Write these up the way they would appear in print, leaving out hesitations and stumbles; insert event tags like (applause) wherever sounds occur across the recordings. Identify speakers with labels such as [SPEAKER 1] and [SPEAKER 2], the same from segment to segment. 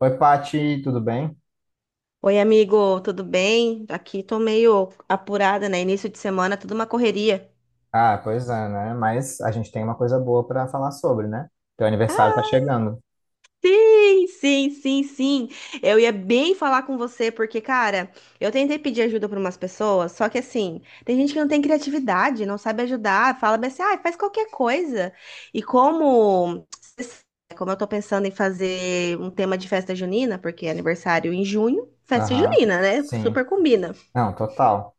[SPEAKER 1] Oi, Pati, tudo bem?
[SPEAKER 2] Oi, amigo, tudo bem? Aqui tô meio apurada, né? Início de semana, tudo uma correria.
[SPEAKER 1] Ah, pois é, né? Mas a gente tem uma coisa boa para falar sobre, né? Teu aniversário tá chegando.
[SPEAKER 2] Sim, sim, sim, sim. Eu ia bem falar com você, porque, cara, eu tentei pedir ajuda para umas pessoas, só que assim, tem gente que não tem criatividade, não sabe ajudar, fala bem assim, ah, faz qualquer coisa. E como, como eu tô pensando em fazer um tema de festa junina, porque é aniversário em junho, festa
[SPEAKER 1] Aham,
[SPEAKER 2] junina, né?
[SPEAKER 1] sim.
[SPEAKER 2] Super combina.
[SPEAKER 1] Não, total.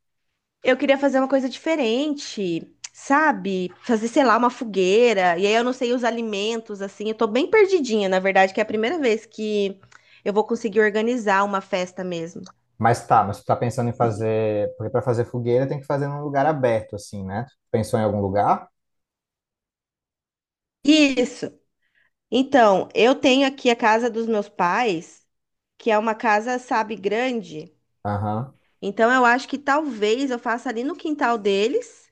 [SPEAKER 2] Eu queria fazer uma coisa diferente, sabe? Fazer, sei lá, uma fogueira. E aí eu não sei os alimentos, assim. Eu tô bem perdidinha, na verdade, que é a primeira vez que eu vou conseguir organizar uma festa mesmo.
[SPEAKER 1] Mas tá, mas tu tá pensando em fazer. Porque para fazer fogueira tem que fazer num lugar aberto, assim, né? Tu pensou em algum lugar?
[SPEAKER 2] Isso. Então, eu tenho aqui a casa dos meus pais, que é uma casa, sabe, grande.
[SPEAKER 1] Aham,
[SPEAKER 2] Então, eu acho que talvez eu faça ali no quintal deles,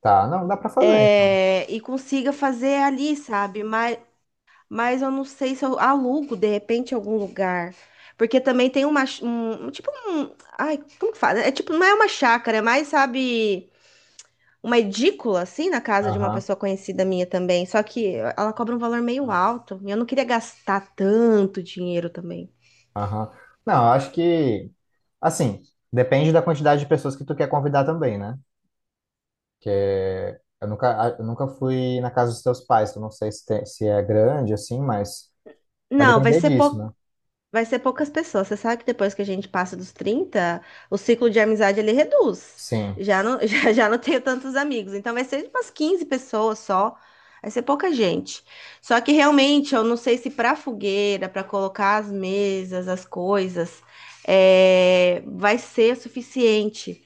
[SPEAKER 1] tá. Não, dá para fazer. Então.
[SPEAKER 2] é, e consiga fazer ali, sabe? Mas eu não sei se eu alugo de repente em algum lugar. Porque também tem uma, tipo um, ai, como que fala? É tipo, não é uma chácara, é mais, sabe, uma edícula assim na casa de uma
[SPEAKER 1] Aham,
[SPEAKER 2] pessoa conhecida minha também, só que ela cobra um valor meio, ah, alto, e eu não queria gastar tanto dinheiro também.
[SPEAKER 1] aham. Não, eu acho que. Assim, depende da quantidade de pessoas que tu quer convidar também, né? Porque eu nunca fui na casa dos teus pais, eu não sei se, se é grande, assim, mas. Vai
[SPEAKER 2] Não, vai
[SPEAKER 1] depender
[SPEAKER 2] ser
[SPEAKER 1] disso,
[SPEAKER 2] pou-
[SPEAKER 1] né?
[SPEAKER 2] Vai ser poucas pessoas. Você sabe que depois que a gente passa dos 30, o ciclo de amizade ele reduz.
[SPEAKER 1] Sim.
[SPEAKER 2] Já não, (laughs) já, já não tenho tantos amigos. Então vai ser umas 15 pessoas só. Vai ser pouca gente. Só que realmente eu não sei se para fogueira, para colocar as mesas, as coisas, é, vai ser o suficiente.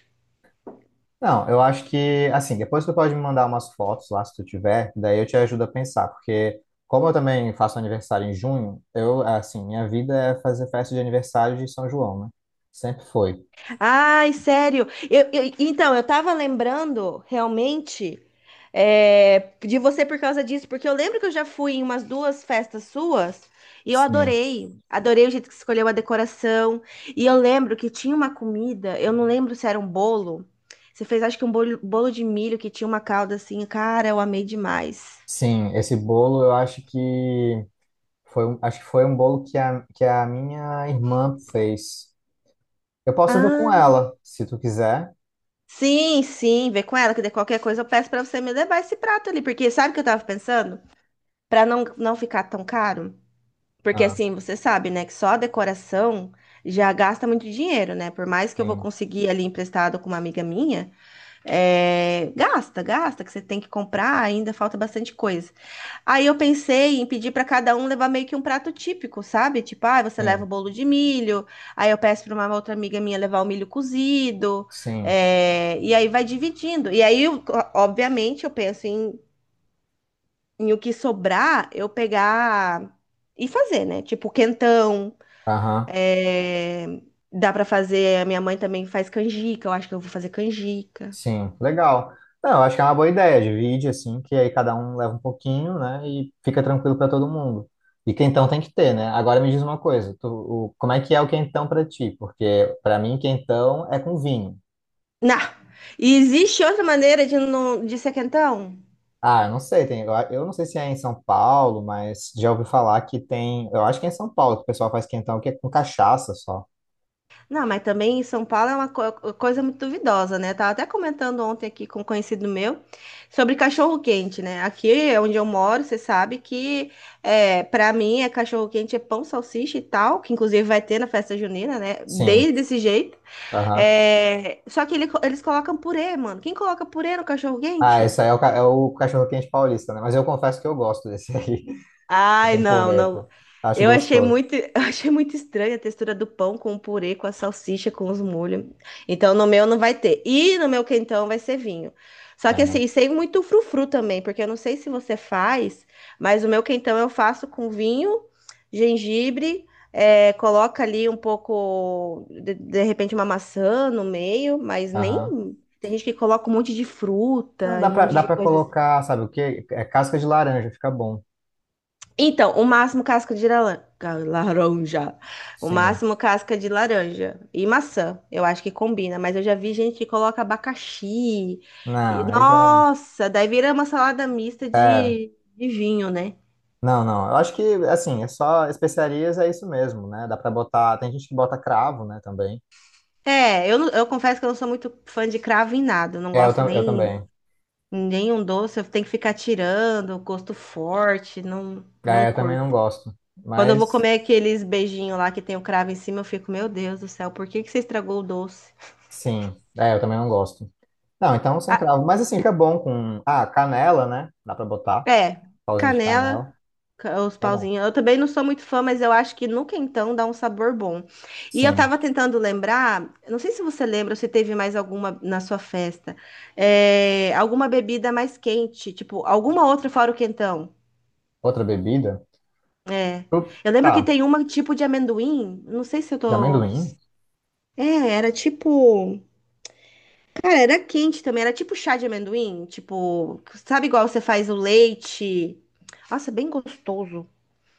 [SPEAKER 1] Não, eu acho que, assim, depois tu pode me mandar umas fotos lá, se tu tiver, daí eu te ajudo a pensar, porque como eu também faço aniversário em junho, eu, assim, minha vida é fazer festa de aniversário de São João, né? Sempre foi.
[SPEAKER 2] Ai, sério. Então, eu tava lembrando realmente é, de você por causa disso, porque eu lembro que eu já fui em umas duas festas suas e eu
[SPEAKER 1] Sim.
[SPEAKER 2] adorei. Adorei o jeito que você escolheu a decoração. E eu lembro que tinha uma comida, eu não lembro se era um bolo. Você fez, acho que um bolo, bolo de milho que tinha uma calda assim. Cara, eu amei demais.
[SPEAKER 1] Sim, esse bolo eu acho que foi, acho que foi um bolo que a minha irmã fez. Eu posso ver com
[SPEAKER 2] Ah,
[SPEAKER 1] ela, se tu quiser.
[SPEAKER 2] sim, sim. Vê com ela que de qualquer coisa eu peço pra você me levar esse prato ali, porque sabe o que eu tava pensando? Pra não, não ficar tão caro. Porque
[SPEAKER 1] Ah,
[SPEAKER 2] assim, você sabe, né, que só a decoração já gasta muito dinheiro, né? Por mais que eu vou
[SPEAKER 1] sim,
[SPEAKER 2] conseguir ali emprestado com uma amiga minha, é, gasta, gasta, que você tem que comprar, ainda falta bastante coisa. Aí eu pensei em pedir para cada um levar meio que um prato típico, sabe? Tipo, ah, você leva o
[SPEAKER 1] sim,
[SPEAKER 2] bolo de milho, aí eu peço para uma outra amiga minha levar o milho cozido,
[SPEAKER 1] sim.
[SPEAKER 2] é, e aí vai dividindo. Obviamente, eu penso em, em o que sobrar, eu pegar e fazer, né? Tipo, quentão.
[SPEAKER 1] Aham.
[SPEAKER 2] É, dá pra fazer. A minha mãe também faz canjica. Eu acho que eu vou fazer canjica.
[SPEAKER 1] Sim, legal. Não, eu acho que é uma boa ideia, divide assim, que aí cada um leva um pouquinho, né, e fica tranquilo para todo mundo. E quentão tem que ter, né? Agora me diz uma coisa, tu, o, como é que é o quentão para ti? Porque para mim quentão é com vinho.
[SPEAKER 2] Não! E existe outra maneira de, não, de ser quentão?
[SPEAKER 1] Ah, eu não sei, tem, eu não sei se é em São Paulo, mas já ouvi falar que tem, eu acho que é em São Paulo que o pessoal faz quentão que é com cachaça só.
[SPEAKER 2] Não, mas também em São Paulo é uma coisa muito duvidosa, né? Tava até comentando ontem aqui com um conhecido meu sobre cachorro-quente, né? Aqui é onde eu moro, você sabe que é, para mim é cachorro-quente, é pão, salsicha e tal, que inclusive vai ter na festa junina, né?
[SPEAKER 1] Sim,
[SPEAKER 2] Desde desse jeito.
[SPEAKER 1] aham.
[SPEAKER 2] É, só que eles colocam purê, mano. Quem coloca purê no
[SPEAKER 1] Ah,
[SPEAKER 2] cachorro-quente?
[SPEAKER 1] esse aí é o, é o cachorro-quente paulista, né? Mas eu confesso que eu gosto desse aí, (laughs)
[SPEAKER 2] Ai,
[SPEAKER 1] com
[SPEAKER 2] não,
[SPEAKER 1] purê,
[SPEAKER 2] não.
[SPEAKER 1] pô. Acho
[SPEAKER 2] Eu achei
[SPEAKER 1] gostoso.
[SPEAKER 2] muito, (laughs) eu achei muito estranha a textura do pão com o purê, com a salsicha, com os molhos. Então, no meu não vai ter. E no meu quentão vai ser vinho. Só que assim, sem muito frufru também, porque eu não sei se você faz, mas o meu quentão eu faço com vinho, gengibre, é, coloca ali um pouco, de repente, uma maçã no meio, mas nem.
[SPEAKER 1] Aham.
[SPEAKER 2] Tem gente que coloca um monte de
[SPEAKER 1] Não,
[SPEAKER 2] fruta e
[SPEAKER 1] dá
[SPEAKER 2] um
[SPEAKER 1] pra,
[SPEAKER 2] monte
[SPEAKER 1] dá
[SPEAKER 2] de
[SPEAKER 1] pra
[SPEAKER 2] coisas.
[SPEAKER 1] colocar, sabe o quê? É casca de laranja, fica bom.
[SPEAKER 2] Então, o máximo casca de laranja. Laranja. O
[SPEAKER 1] Sim.
[SPEAKER 2] máximo casca de laranja. E maçã. Eu acho que combina. Mas eu já vi gente que coloca abacaxi. E,
[SPEAKER 1] Não, aí já.
[SPEAKER 2] nossa, daí vira uma salada mista
[SPEAKER 1] É.
[SPEAKER 2] de vinho, né?
[SPEAKER 1] Não, não. Eu acho que, assim, é só especiarias, é isso mesmo, né? Dá pra botar. Tem gente que bota cravo, né, também.
[SPEAKER 2] É, eu, eu confesso que eu não sou muito fã de cravo em nada. Eu não
[SPEAKER 1] É, eu,
[SPEAKER 2] gosto
[SPEAKER 1] eu
[SPEAKER 2] nem
[SPEAKER 1] também.
[SPEAKER 2] nenhum doce. Eu tenho que ficar tirando, gosto forte. Não, não
[SPEAKER 1] É, eu também não
[SPEAKER 2] curto.
[SPEAKER 1] gosto.
[SPEAKER 2] Quando eu vou
[SPEAKER 1] Mas,
[SPEAKER 2] comer aqueles beijinhos lá que tem o cravo em cima, eu fico, meu Deus do céu, por que que você estragou o doce?
[SPEAKER 1] sim. É, eu também não gosto. Não, então sem cravo. Mas, assim, fica bom com. Ah, canela, né? Dá pra botar.
[SPEAKER 2] É,
[SPEAKER 1] Pauzinho de
[SPEAKER 2] canela,
[SPEAKER 1] canela.
[SPEAKER 2] os
[SPEAKER 1] Fica bom.
[SPEAKER 2] pauzinhos. Eu também não sou muito fã, mas eu acho que no quentão dá um sabor bom. E eu
[SPEAKER 1] Sim.
[SPEAKER 2] tava tentando lembrar, eu não sei se você lembra, ou se teve mais alguma na sua festa, é, alguma bebida mais quente, tipo, alguma outra fora o quentão.
[SPEAKER 1] Outra bebida?
[SPEAKER 2] É. Eu lembro que
[SPEAKER 1] Tá.
[SPEAKER 2] tem uma tipo de amendoim, não sei se eu
[SPEAKER 1] De
[SPEAKER 2] tô.
[SPEAKER 1] amendoim?
[SPEAKER 2] É, era tipo. Cara, era quente também, era tipo chá de amendoim, tipo, sabe igual você faz o leite. Nossa, bem gostoso.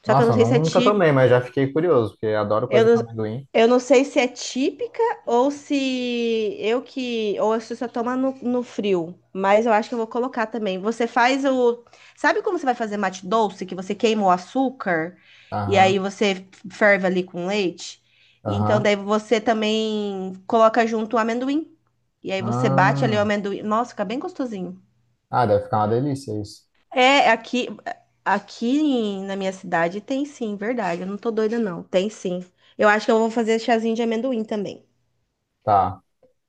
[SPEAKER 2] Só que eu
[SPEAKER 1] Nossa,
[SPEAKER 2] não
[SPEAKER 1] eu
[SPEAKER 2] sei se é
[SPEAKER 1] nunca tomei, mas já fiquei curioso, porque eu adoro
[SPEAKER 2] eu
[SPEAKER 1] coisa com
[SPEAKER 2] não,
[SPEAKER 1] amendoim.
[SPEAKER 2] eu não sei se é típica ou se eu que. Ou se você toma no, no frio. Mas eu acho que eu vou colocar também. Você faz o. Sabe como você vai fazer mate doce? Que você queima o açúcar e aí
[SPEAKER 1] Aham,
[SPEAKER 2] você ferve ali com leite? E então
[SPEAKER 1] aham.
[SPEAKER 2] daí você também coloca junto o amendoim. E aí você bate ali o
[SPEAKER 1] Ah,
[SPEAKER 2] amendoim. Nossa, fica bem gostosinho.
[SPEAKER 1] ah, deve ficar uma delícia isso.
[SPEAKER 2] É, aqui na minha cidade tem sim, verdade. Eu não tô doida, não. Tem sim. Eu acho que eu vou fazer chazinho de amendoim também.
[SPEAKER 1] Tá.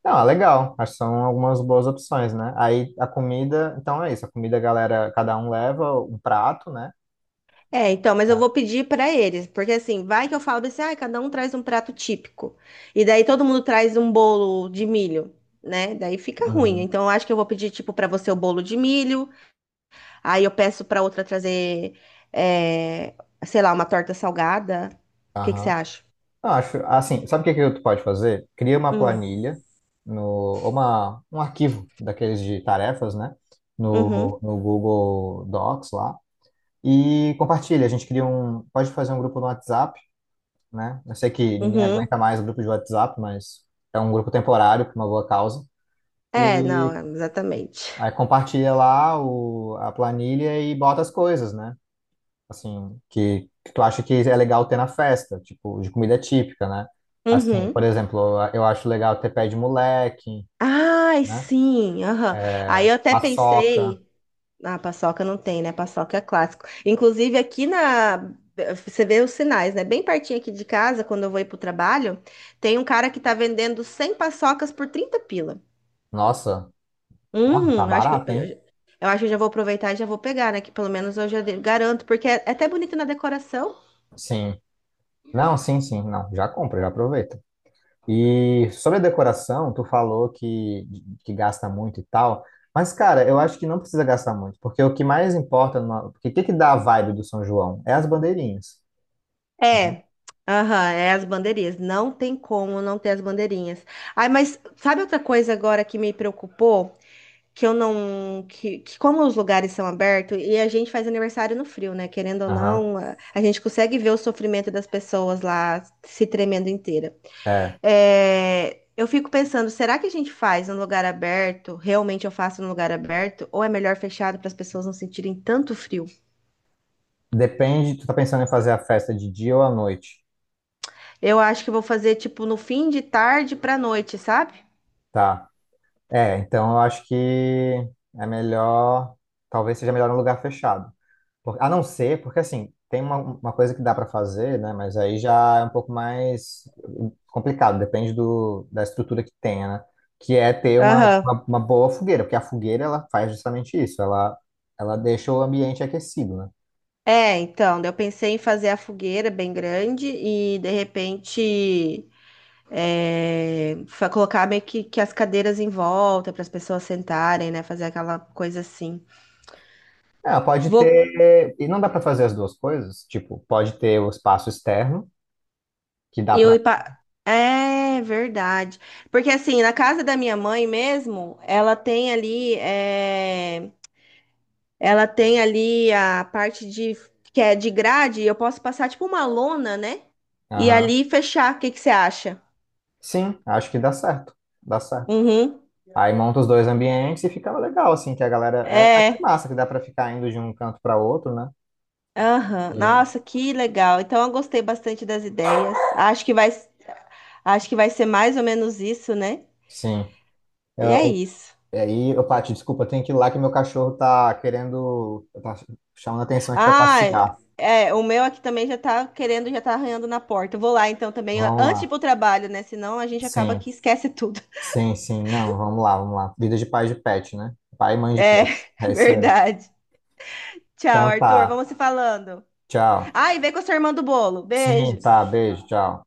[SPEAKER 1] Não, é legal. Acho que são algumas boas opções, né? Aí a comida, então é isso. A comida, a galera, cada um leva um prato, né?
[SPEAKER 2] É, então, mas eu
[SPEAKER 1] É.
[SPEAKER 2] vou pedir pra eles, porque assim, vai que eu falo assim, ah, cada um traz um prato típico. E daí todo mundo traz um bolo de milho, né? Daí fica ruim.
[SPEAKER 1] Uhum,
[SPEAKER 2] Então, eu acho que eu vou pedir, tipo, pra você o bolo de milho, aí eu peço pra outra trazer, é, sei lá, uma torta salgada. O que que você
[SPEAKER 1] aham.
[SPEAKER 2] acha?
[SPEAKER 1] Não, acho, assim, sabe o que que tu pode fazer? Cria uma
[SPEAKER 2] Hum.
[SPEAKER 1] planilha, no, uma, um arquivo daqueles de tarefas, né? No,
[SPEAKER 2] Uhum,
[SPEAKER 1] no Google Docs lá. E compartilha, a gente cria um, pode fazer um grupo no WhatsApp, né? Eu sei que ninguém
[SPEAKER 2] uhum.
[SPEAKER 1] aguenta mais o grupo de WhatsApp, mas é um grupo temporário por uma boa causa.
[SPEAKER 2] É, não,
[SPEAKER 1] E
[SPEAKER 2] exatamente.
[SPEAKER 1] aí compartilha lá o, a planilha e bota as coisas, né? Assim, que tu acha que é legal ter na festa, tipo, de comida típica, né? Assim, por
[SPEAKER 2] Uhum.
[SPEAKER 1] exemplo, eu acho legal ter pé de moleque,
[SPEAKER 2] Ai,
[SPEAKER 1] né?
[SPEAKER 2] sim, aham. Aí eu até
[SPEAKER 1] Paçoca.
[SPEAKER 2] pensei, ah, paçoca não tem, né? Paçoca é clássico. Inclusive aqui na, você vê os sinais, né? Bem pertinho aqui de casa, quando eu vou ir pro trabalho, tem um cara que tá vendendo 100 paçocas por 30 pila.
[SPEAKER 1] Nossa, ó, tá
[SPEAKER 2] Hum, acho que eu,
[SPEAKER 1] barato, hein?
[SPEAKER 2] eu acho que eu já vou aproveitar e já vou pegar, né? Que pelo menos eu já garanto, porque é até bonito na decoração.
[SPEAKER 1] Sim. Não, sim, sim, não. Já compra, já aproveita. E sobre a decoração, tu falou que gasta muito e tal, mas cara, eu acho que não precisa gastar muito, porque o que mais importa, porque o que que dá a vibe do São João? É as bandeirinhas.
[SPEAKER 2] É. Aham, é as bandeirinhas. Não tem como não ter as bandeirinhas. Ai, mas sabe outra coisa agora que me preocupou? Que eu não, que como os lugares são abertos e a gente faz aniversário no frio, né? Querendo ou
[SPEAKER 1] Aham,
[SPEAKER 2] não, a gente consegue ver o sofrimento das pessoas lá se tremendo inteira.
[SPEAKER 1] é.
[SPEAKER 2] É, eu fico pensando, será que a gente faz num lugar aberto? Realmente eu faço num lugar aberto? Ou é melhor fechado para as pessoas não sentirem tanto frio?
[SPEAKER 1] Depende, tu tá pensando em fazer a festa de dia ou à noite,
[SPEAKER 2] Eu acho que eu vou fazer tipo no fim de tarde para noite, sabe?
[SPEAKER 1] tá? É, então eu acho que é melhor, talvez seja melhor num lugar fechado. A não ser, porque assim, tem uma coisa que dá para fazer, né? Mas aí já é um pouco mais complicado, depende do, da estrutura que tenha, né? Que é ter uma,
[SPEAKER 2] Aham.
[SPEAKER 1] uma, uma boa fogueira, porque a fogueira ela faz justamente isso, ela deixa o ambiente aquecido, né?
[SPEAKER 2] É, então, eu pensei em fazer a fogueira bem grande e de repente colocar meio que as cadeiras em volta para as pessoas sentarem, né? Fazer aquela coisa assim.
[SPEAKER 1] É, Ela pode
[SPEAKER 2] Vou
[SPEAKER 1] ter, e não dá para fazer as duas coisas, tipo, pode ter o espaço externo, que dá
[SPEAKER 2] eu
[SPEAKER 1] para.
[SPEAKER 2] ir pa- É verdade. Porque assim, na casa da minha mãe mesmo, ela tem ali, é, ela tem ali a parte de que é de grade, eu posso passar tipo uma lona, né? E
[SPEAKER 1] Aham.
[SPEAKER 2] ali fechar. O que que você acha?
[SPEAKER 1] Sim, acho que dá certo, dá certo.
[SPEAKER 2] Uhum.
[SPEAKER 1] Aí monta os dois ambientes e fica legal, assim, que a galera. É até
[SPEAKER 2] É.
[SPEAKER 1] massa que dá para ficar indo de um canto para outro, né?
[SPEAKER 2] Aham.
[SPEAKER 1] E-
[SPEAKER 2] Nossa, que legal. Então eu gostei bastante das ideias. Acho que vai ser mais ou menos isso, né?
[SPEAKER 1] sim.
[SPEAKER 2] E é
[SPEAKER 1] Eu,
[SPEAKER 2] isso.
[SPEAKER 1] aí, ô, Paty, desculpa, eu tenho que ir lá que meu cachorro tá querendo, tá chamando a atenção aqui pra
[SPEAKER 2] Ah, é,
[SPEAKER 1] passear.
[SPEAKER 2] é, o meu aqui também já tá querendo, já tá arranhando na porta. Eu vou lá então também,
[SPEAKER 1] Vamos
[SPEAKER 2] antes de ir
[SPEAKER 1] lá.
[SPEAKER 2] pro trabalho, né? Senão a gente acaba
[SPEAKER 1] Sim,
[SPEAKER 2] que esquece tudo.
[SPEAKER 1] sim, sim. Não, vamos lá, vamos lá. Vida de pai de pet, né? Pai e mãe de
[SPEAKER 2] É,
[SPEAKER 1] pet. É isso
[SPEAKER 2] (laughs)
[SPEAKER 1] aí.
[SPEAKER 2] verdade. Tchau,
[SPEAKER 1] Então
[SPEAKER 2] Arthur.
[SPEAKER 1] tá.
[SPEAKER 2] Vamos se falando.
[SPEAKER 1] Tchau.
[SPEAKER 2] Ah, e vem com a sua irmã do bolo. Beijo.
[SPEAKER 1] Sim, tá. Beijo, tchau.